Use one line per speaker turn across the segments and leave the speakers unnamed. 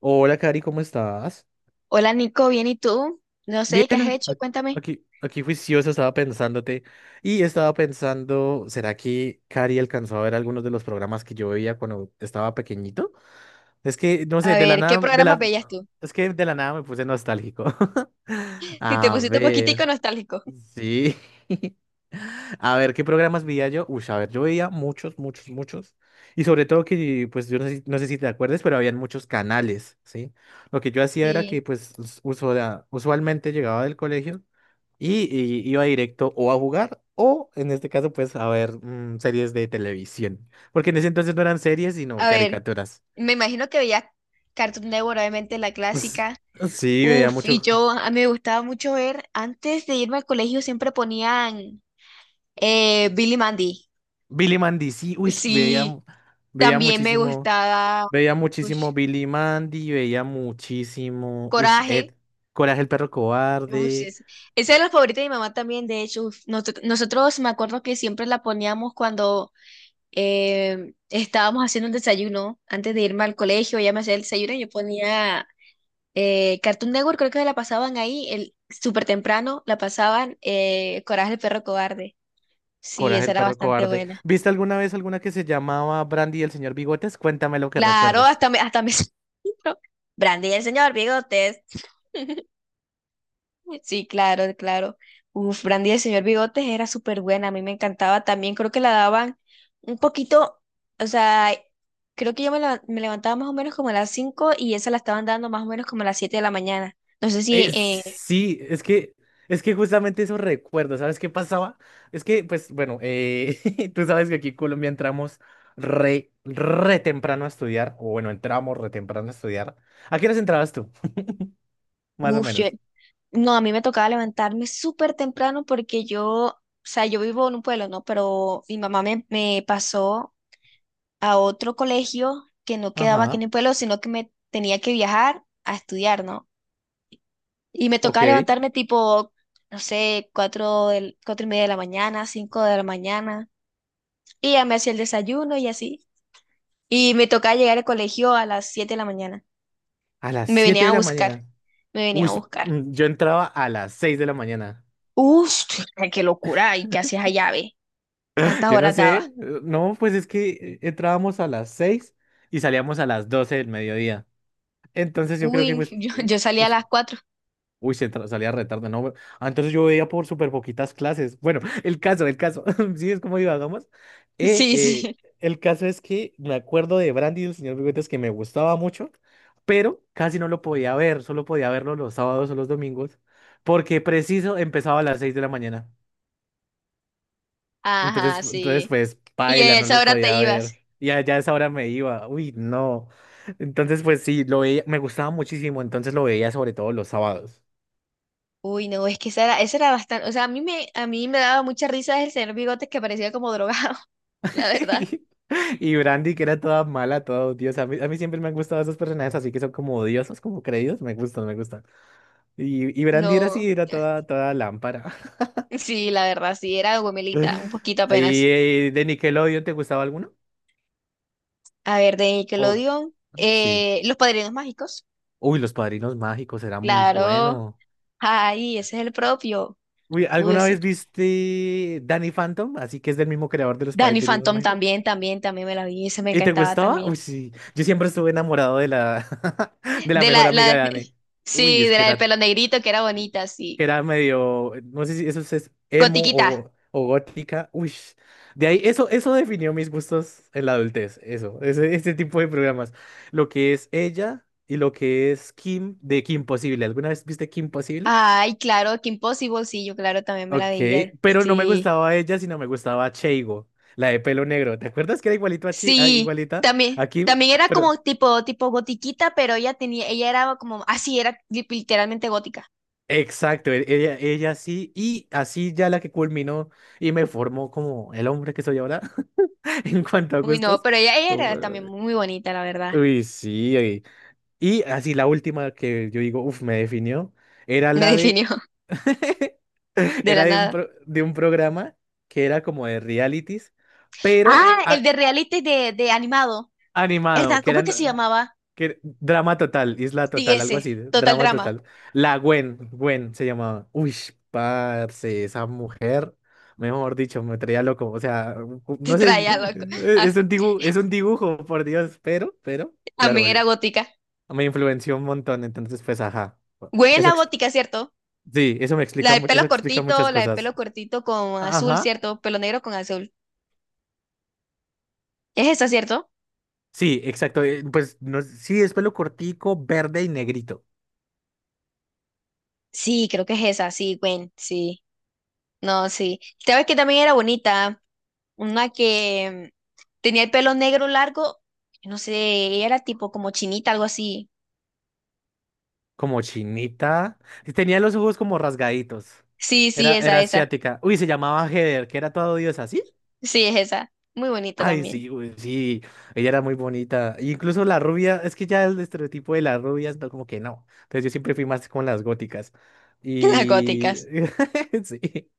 Hola, Cari, ¿cómo estás?
Hola Nico, bien, ¿y tú? No sé, ¿qué
Bien,
has hecho?
a-
Cuéntame.
aquí juiciosa estaba pensándote y estaba pensando, ¿será que Cari alcanzó a ver algunos de los programas que yo veía cuando estaba pequeñito? Es que, no
A
sé, de la
ver, ¿qué
nada,
programas veías tú?
es que de la nada me puse nostálgico.
Y te
A
pusiste un
ver.
poquitico nostálgico.
Sí. A ver, ¿qué programas veía yo? Uy, a ver, yo veía muchos, muchos, muchos. Y sobre todo que, pues, yo no sé si te acuerdas, pero habían muchos canales, ¿sí? Lo que yo hacía era
Sí.
que, pues, usualmente llegaba del colegio y iba directo o a jugar o, en este caso, pues, a ver series de televisión. Porque en ese entonces no eran series, sino
A ver,
caricaturas.
me imagino que veías Cartoon Network, obviamente la
Pues,
clásica.
sí, veía
Uf, y
mucho.
yo, a mí me gustaba mucho ver, antes de irme al colegio siempre ponían Billy Mandy.
Billy Mandy, sí, uy, veía,
Sí,
veía
también me
muchísimo.
gustaba
Veía muchísimo
ush,
Billy Mandy, veía muchísimo. Uy, Ed,
Coraje.
Coraje el perro
Ush,
cobarde.
esa es la favorita de mi mamá también, de hecho. Uf, nosotros me acuerdo que siempre la poníamos cuando estábamos haciendo un desayuno antes de irme al colegio, ya me hacía el desayuno, y yo ponía Cartoon Network, creo que la pasaban ahí, el, súper temprano, la pasaban Coraje el perro cobarde. Sí,
Coraje
esa
el
era
perro
bastante
cobarde.
buena.
¿Viste alguna vez alguna que se llamaba Brandy y el señor Bigotes? Cuéntame lo que
Claro,
recuerdes.
hasta me... Brandy y el señor Bigotes. Sí, claro, claro. Uf, Brandy del Señor Bigotes era súper buena, a mí me encantaba también. Creo que la daban un poquito, o sea, creo que yo me, me levantaba más o menos como a las 5 y esa la estaban dando más o menos como a las 7 de la mañana. No sé si,
Sí, es que justamente eso recuerdo. ¿Sabes qué pasaba? Es que, pues, bueno, tú sabes que aquí en Colombia entramos re temprano a estudiar, o bueno, entramos re temprano a estudiar. ¿A qué horas entrabas tú? Más o
uf, yo-
menos.
no, a mí me tocaba levantarme súper temprano porque yo, o sea, yo vivo en un pueblo, ¿no? Pero mi mamá me, me pasó a otro colegio que no quedaba aquí en
Ajá,
el pueblo, sino que me tenía que viajar a estudiar, ¿no? Y me tocaba
ok.
levantarme tipo, no sé, cuatro, cuatro y media de la mañana, cinco de la mañana. Y ya me hacía el desayuno y así. Y me tocaba llegar al colegio a las siete de la mañana.
A las
Y me
siete
venía
de
a
la
buscar.
mañana.
Me venía
Uy,
a buscar.
yo entraba a las 6 de la mañana.
¡Uf! ¡Qué locura! ¿Y qué hacías allá, ve? ¿Cuántas
Yo no
horas
sé,
daba?
no, pues es que entrábamos a las 6 y salíamos a las 12 del mediodía. Entonces yo creo que
Uy,
pues.
yo salía a las cuatro.
Uy, salía retardo, no. Ah, entonces yo veía por súper poquitas clases. Bueno, el caso, el caso. Sí, es como divagamos. Eh,
Sí,
eh,
sí.
el caso es que me acuerdo de Brandy y el señor Bigotes que me gustaba mucho, pero casi no lo podía ver. Solo podía verlo los sábados o los domingos, porque preciso empezaba a las 6 de la mañana.
Ajá,
Entonces
sí.
pues,
Y
paila,
a
no
esa
lo
hora te
podía ver.
ibas.
Y allá a esa hora me iba. Uy, no. Entonces, pues sí, lo veía, me gustaba muchísimo. Entonces lo veía sobre todo los sábados.
Uy, no, es que esa era bastante. O sea, a mí me daba mucha risa el señor Bigotes que parecía como drogado, la verdad.
Y y Brandy, que era toda mala, toda odiosa. A mí siempre me han gustado esos personajes así que son como odiosos, como creídos. Me gustan, me gustan. Y Brandy era
No,
así, era toda lámpara.
sí, la verdad, sí, era Gomelita, un poquito
¿Y
apenas.
de Nickelodeon te gustaba alguno?
A ver, de
Oh,
Nickelodeon,
sí.
Los Padrinos Mágicos,
Uy, Los Padrinos Mágicos era muy
claro,
bueno.
ay, ese es el propio,
Uy,
tú
¿alguna
ese.
vez viste Danny Phantom? Así que es del mismo creador de Los
Danny
Padrinos
Phantom
Mágicos.
también, también, también me la vi, ese me
¿Y te
encantaba
gustaba?
también.
Uy, sí. Yo siempre estuve enamorado de la
De
mejor
la,
amiga
la,
de Anne. Uy,
sí,
es
de
que
la del
era
pelo negrito, que era bonita, sí.
era medio, no sé si eso es emo
Gotiquita,
o gótica. Uy, de ahí, eso definió mis gustos en la adultez, este tipo de programas. Lo que es ella y lo que es Kim de Kim Possible. ¿Alguna vez viste Kim Possible?
ay, claro, que Impossible, sí, yo claro, también me la
Ok,
veía,
pero no me
sí.
gustaba ella, sino me gustaba Cheigo, la de pelo negro. ¿Te acuerdas que era igualito a
Sí,
igualita
también,
a Kim?
también era
Pero
como tipo, tipo gotiquita, pero ella tenía, ella era como, así era literalmente gótica.
exacto, ella sí, y así ya la que culminó y me formó como el hombre que soy ahora. En cuanto a
Uy, no,
gustos.
pero ella era
Uy,
también muy bonita, la verdad.
uy, sí. Y así la última que yo digo, uff, me definió, era
Me
la de...
definió de
Era
la
de un,
nada.
pro- de un programa que era como de realities, pero
Ah, el de reality de animado.
animado,
¿Verdad?
que
¿Cómo es que se
eran...
llamaba?
drama total, isla
Sí,
total, algo
ese,
así,
Total
drama
Drama.
total. La Gwen se llamaba. Uy, parce, esa mujer, mejor dicho, me traía loco. O sea,
Te
no sé,
traía loco.
es
Ah,
un dibujo, es un dibujo, por Dios, pero, claro,
también era gótica.
me influenció un montón, entonces, pues, ajá.
Güey, es
Eso,
la gótica, ¿cierto?
sí, eso me
La
explica,
de
eso
pelo
explica
cortito,
muchas
la de
cosas.
pelo cortito con azul,
Ajá.
¿cierto? Pelo negro con azul. Es esa, ¿cierto?
Sí, exacto. Pues no, sí, es pelo cortico, verde y negrito.
Sí, creo que es esa, sí, Gwen, sí. No, sí. ¿Sabes que también era bonita? Una que mm, tenía el pelo negro largo, no sé, ella era tipo como chinita, algo así.
Como chinita. Y tenía los ojos como rasgaditos.
Sí, sí,
Era,
esa,
era
esa.
asiática. Uy, se llamaba Heather, que era toda odiosa, ¿sí?
Sí, es esa. Muy bonita
Ay,
también.
sí, uy, sí. Ella era muy bonita. E incluso la rubia, es que ya el estereotipo de las rubias, no, como que no. Entonces yo siempre fui más con las góticas.
Las
Y.
góticas.
Sí.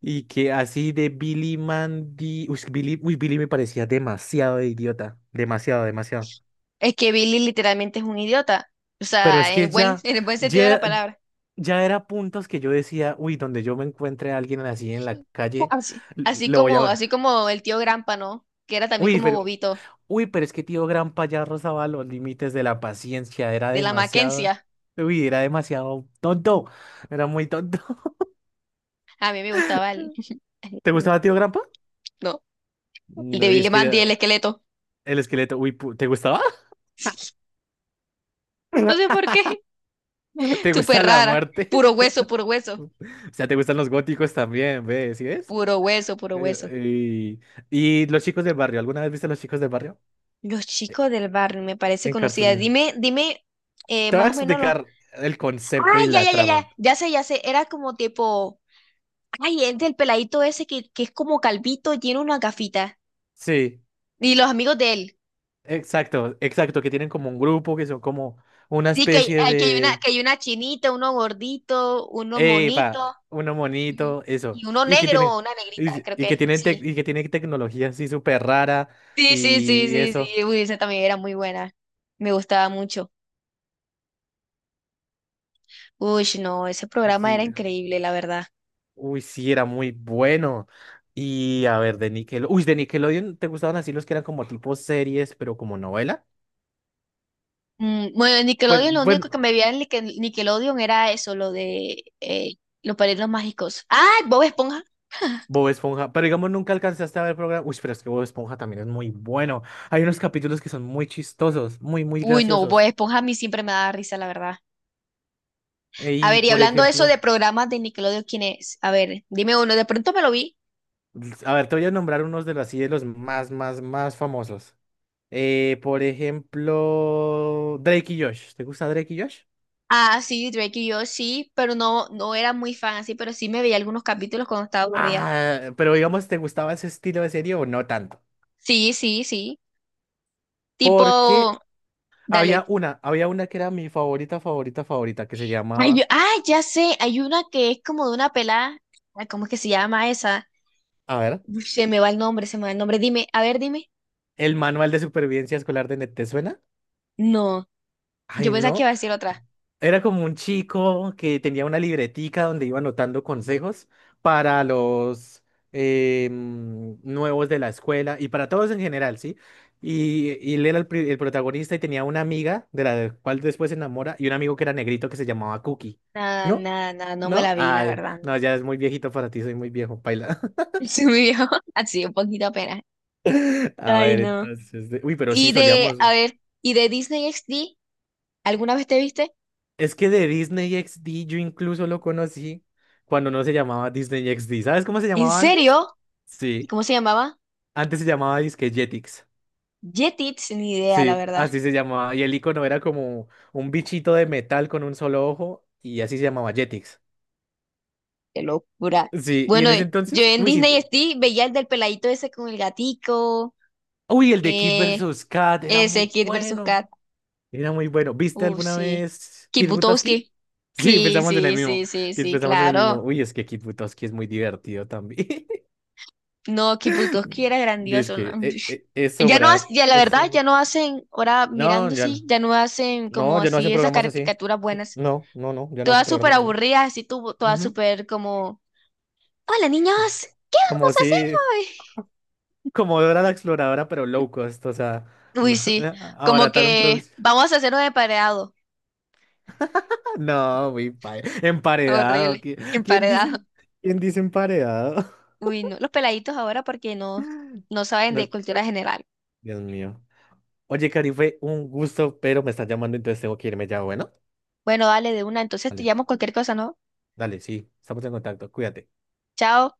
Y que así de Billy Mandy. Uy, Billy me parecía demasiado idiota. Demasiado, demasiado.
Es que Billy literalmente es un idiota. O
Pero
sea,
es que ya.
en el buen sentido de la palabra.
ya era puntos que yo decía, uy, donde yo me encuentre a alguien así en la calle,
Así,
le voy a...
así como el tío Grampa, ¿no? Que era también
Uy,
como
pero,
bobito,
uy, pero es que tío Gran ya rozaba los límites de la paciencia, era
de la
demasiado,
Mackenzie.
uy, era demasiado tonto, era muy tonto.
A mí me gustaba el,
¿Te gustaba tío Grampa?
no, el de
No, y es
Billy
que
Mandy, el
era
esqueleto.
el esqueleto, uy, ¿te gustaba?
No sé por qué.
¿Te
Súper
gusta la
rara.
muerte?
Puro hueso, puro hueso.
O sea, ¿te gustan los góticos también, ves? ¿Sí ves?
Puro hueso, puro hueso.
Eh, y los chicos del barrio, ¿alguna vez viste a los chicos del barrio?
Los chicos del barrio, me parece
En Cartoon
conocida.
Network.
Dime, dime,
Te voy
más
a
o menos los.
explicar el
Ah,
concepto y
ya,
la
ya, ya, ya.
trama.
Ya sé, ya sé. Era como tipo. Ay, el del peladito ese que es como calvito, tiene una gafita.
Sí,
Y los amigos de él.
exacto, exacto, que tienen como un grupo, que son como una
Sí, que hay,
especie de...
que hay una chinita, uno gordito, uno
¡Epa!
monito
Uno
y un-
monito,
y
eso.
uno
Y que
negro o
tienen,
una negrita, creo que. Sí.
y que tienen tecnología así súper rara
Sí, sí, sí,
y
sí,
eso.
sí. Uy, esa también era muy buena. Me gustaba mucho. Uy, no, ese programa
Sí.
era increíble, la verdad.
Uy, sí, era muy bueno. Y a ver, de Nickelodeon... Uy, de Nickelodeon, ¿te gustaban así los que eran como tipo series, pero como novela?
Mm, bueno, en
Pues,
Nickelodeon lo único que
bueno.
me veía en Nickelodeon era eso, lo de los padrinos mágicos. ¡Ah! Bob Esponja.
Bob Esponja, pero digamos nunca alcanzaste a ver programa. Uy, pero es que Bob Esponja también es muy bueno. Hay unos capítulos que son muy chistosos, muy, muy
Uy, no, Bob
graciosos.
Esponja a mí siempre me daba risa, la verdad. A
Y
ver, y
por
hablando de eso de
ejemplo,
programas de Nickelodeon, ¿quién es? A ver, dime uno, de pronto me lo vi.
a ver, te voy a nombrar unos de los más, más, más famosos. Por ejemplo, Drake y Josh. ¿Te gusta Drake y Josh?
Ah, sí, Drake y yo sí, pero no, no era muy fan así, pero sí me veía algunos capítulos cuando estaba aburrida.
Ah, pero digamos, ¿te gustaba ese estilo de serie o no tanto?
Sí, sí, sí. Tipo,
Porque
dale.
había una que era mi favorita, favorita, favorita, que se
Ay,
llamaba,
ya sé, hay una que es como de una pelada. Ay, ¿cómo es que se llama esa?
a ver,
Uf, se me va el nombre, se me va el nombre. Dime, a ver, dime.
El Manual de Supervivencia Escolar de Net.
No, yo
Ay,
pensaba que
no.
iba a decir otra.
Era como un chico que tenía una libretica donde iba anotando consejos para los nuevos de la escuela y para todos en general, ¿sí? Y él era el protagonista y tenía una amiga de la cual después se enamora y un amigo que era negrito que se llamaba Cookie.
Nada,
¿No?
nada, nada, no me
¿No?
la vi, la
Ay,
verdad,
no,
no.
ya es muy viejito para ti, soy muy viejo, paila.
Se me dio así un poquito apenas.
A
Ay,
ver,
no.
entonces. Uy, pero sí,
Y de,
solíamos.
a ver, y de Disney XD, ¿alguna vez te viste?
Es que de Disney XD yo incluso lo conocí cuando no se llamaba Disney XD. ¿Sabes cómo se
¿En
llamaba antes?
serio?
Sí.
¿Cómo se llamaba?
Antes se llamaba disque Jetix.
Jetix, ni idea, la
Sí,
verdad.
así se llamaba. Y el icono era como un bichito de metal con un solo ojo y así se llamaba Jetix.
Qué locura.
Sí, y
Bueno,
en ese
yo
entonces,
en
uy, sí,
Disney XD veía el del peladito ese con el gatico.
uy, el de Kid
Eh,
versus Kat era
ese
muy
Kid versus Kat.
bueno. Era muy bueno. ¿Viste alguna
Sí.
vez
Kid
Kid Butowski?
Butowski.
Sí,
Sí,
pensamos en el
sí,
mismo.
sí, sí, sí,
Pensamos en el mismo.
claro.
Uy, es que Kid Butowski es muy divertido también.
No, Kid Butowski era
Dice
grandioso. ¿No?
que eso,
Ya no,
Brad,
ya la verdad, ya
eso.
no hacen, ahora
No,
mirando
ya no.
sí, ya no hacen
No,
como
ya no
así
hacen
esas
programas así.
caricaturas buenas.
No, no, no, ya no hacen
Todas súper
programas así.
aburridas, así todas
Ujú.
súper como, hola niños, ¿qué
Como
vamos a hacer
si, como Dora la Exploradora, pero low cost, o sea,
hoy? Uy, sí, como
abarataron
que
producción.
vamos a hacer un emparedado.
No, emparedado.
Horrible,
¿Quién dice?
emparedado.
¿Quién dice emparedado?
Uy, no, los peladitos ahora porque no, no saben de
No,
cultura general.
Dios mío. Oye, Cari, fue un gusto, pero me están llamando, entonces tengo que irme ya, bueno.
Bueno, dale de una, entonces te
Dale,
llamo cualquier cosa, ¿no?
dale, sí, estamos en contacto, cuídate.
Chao.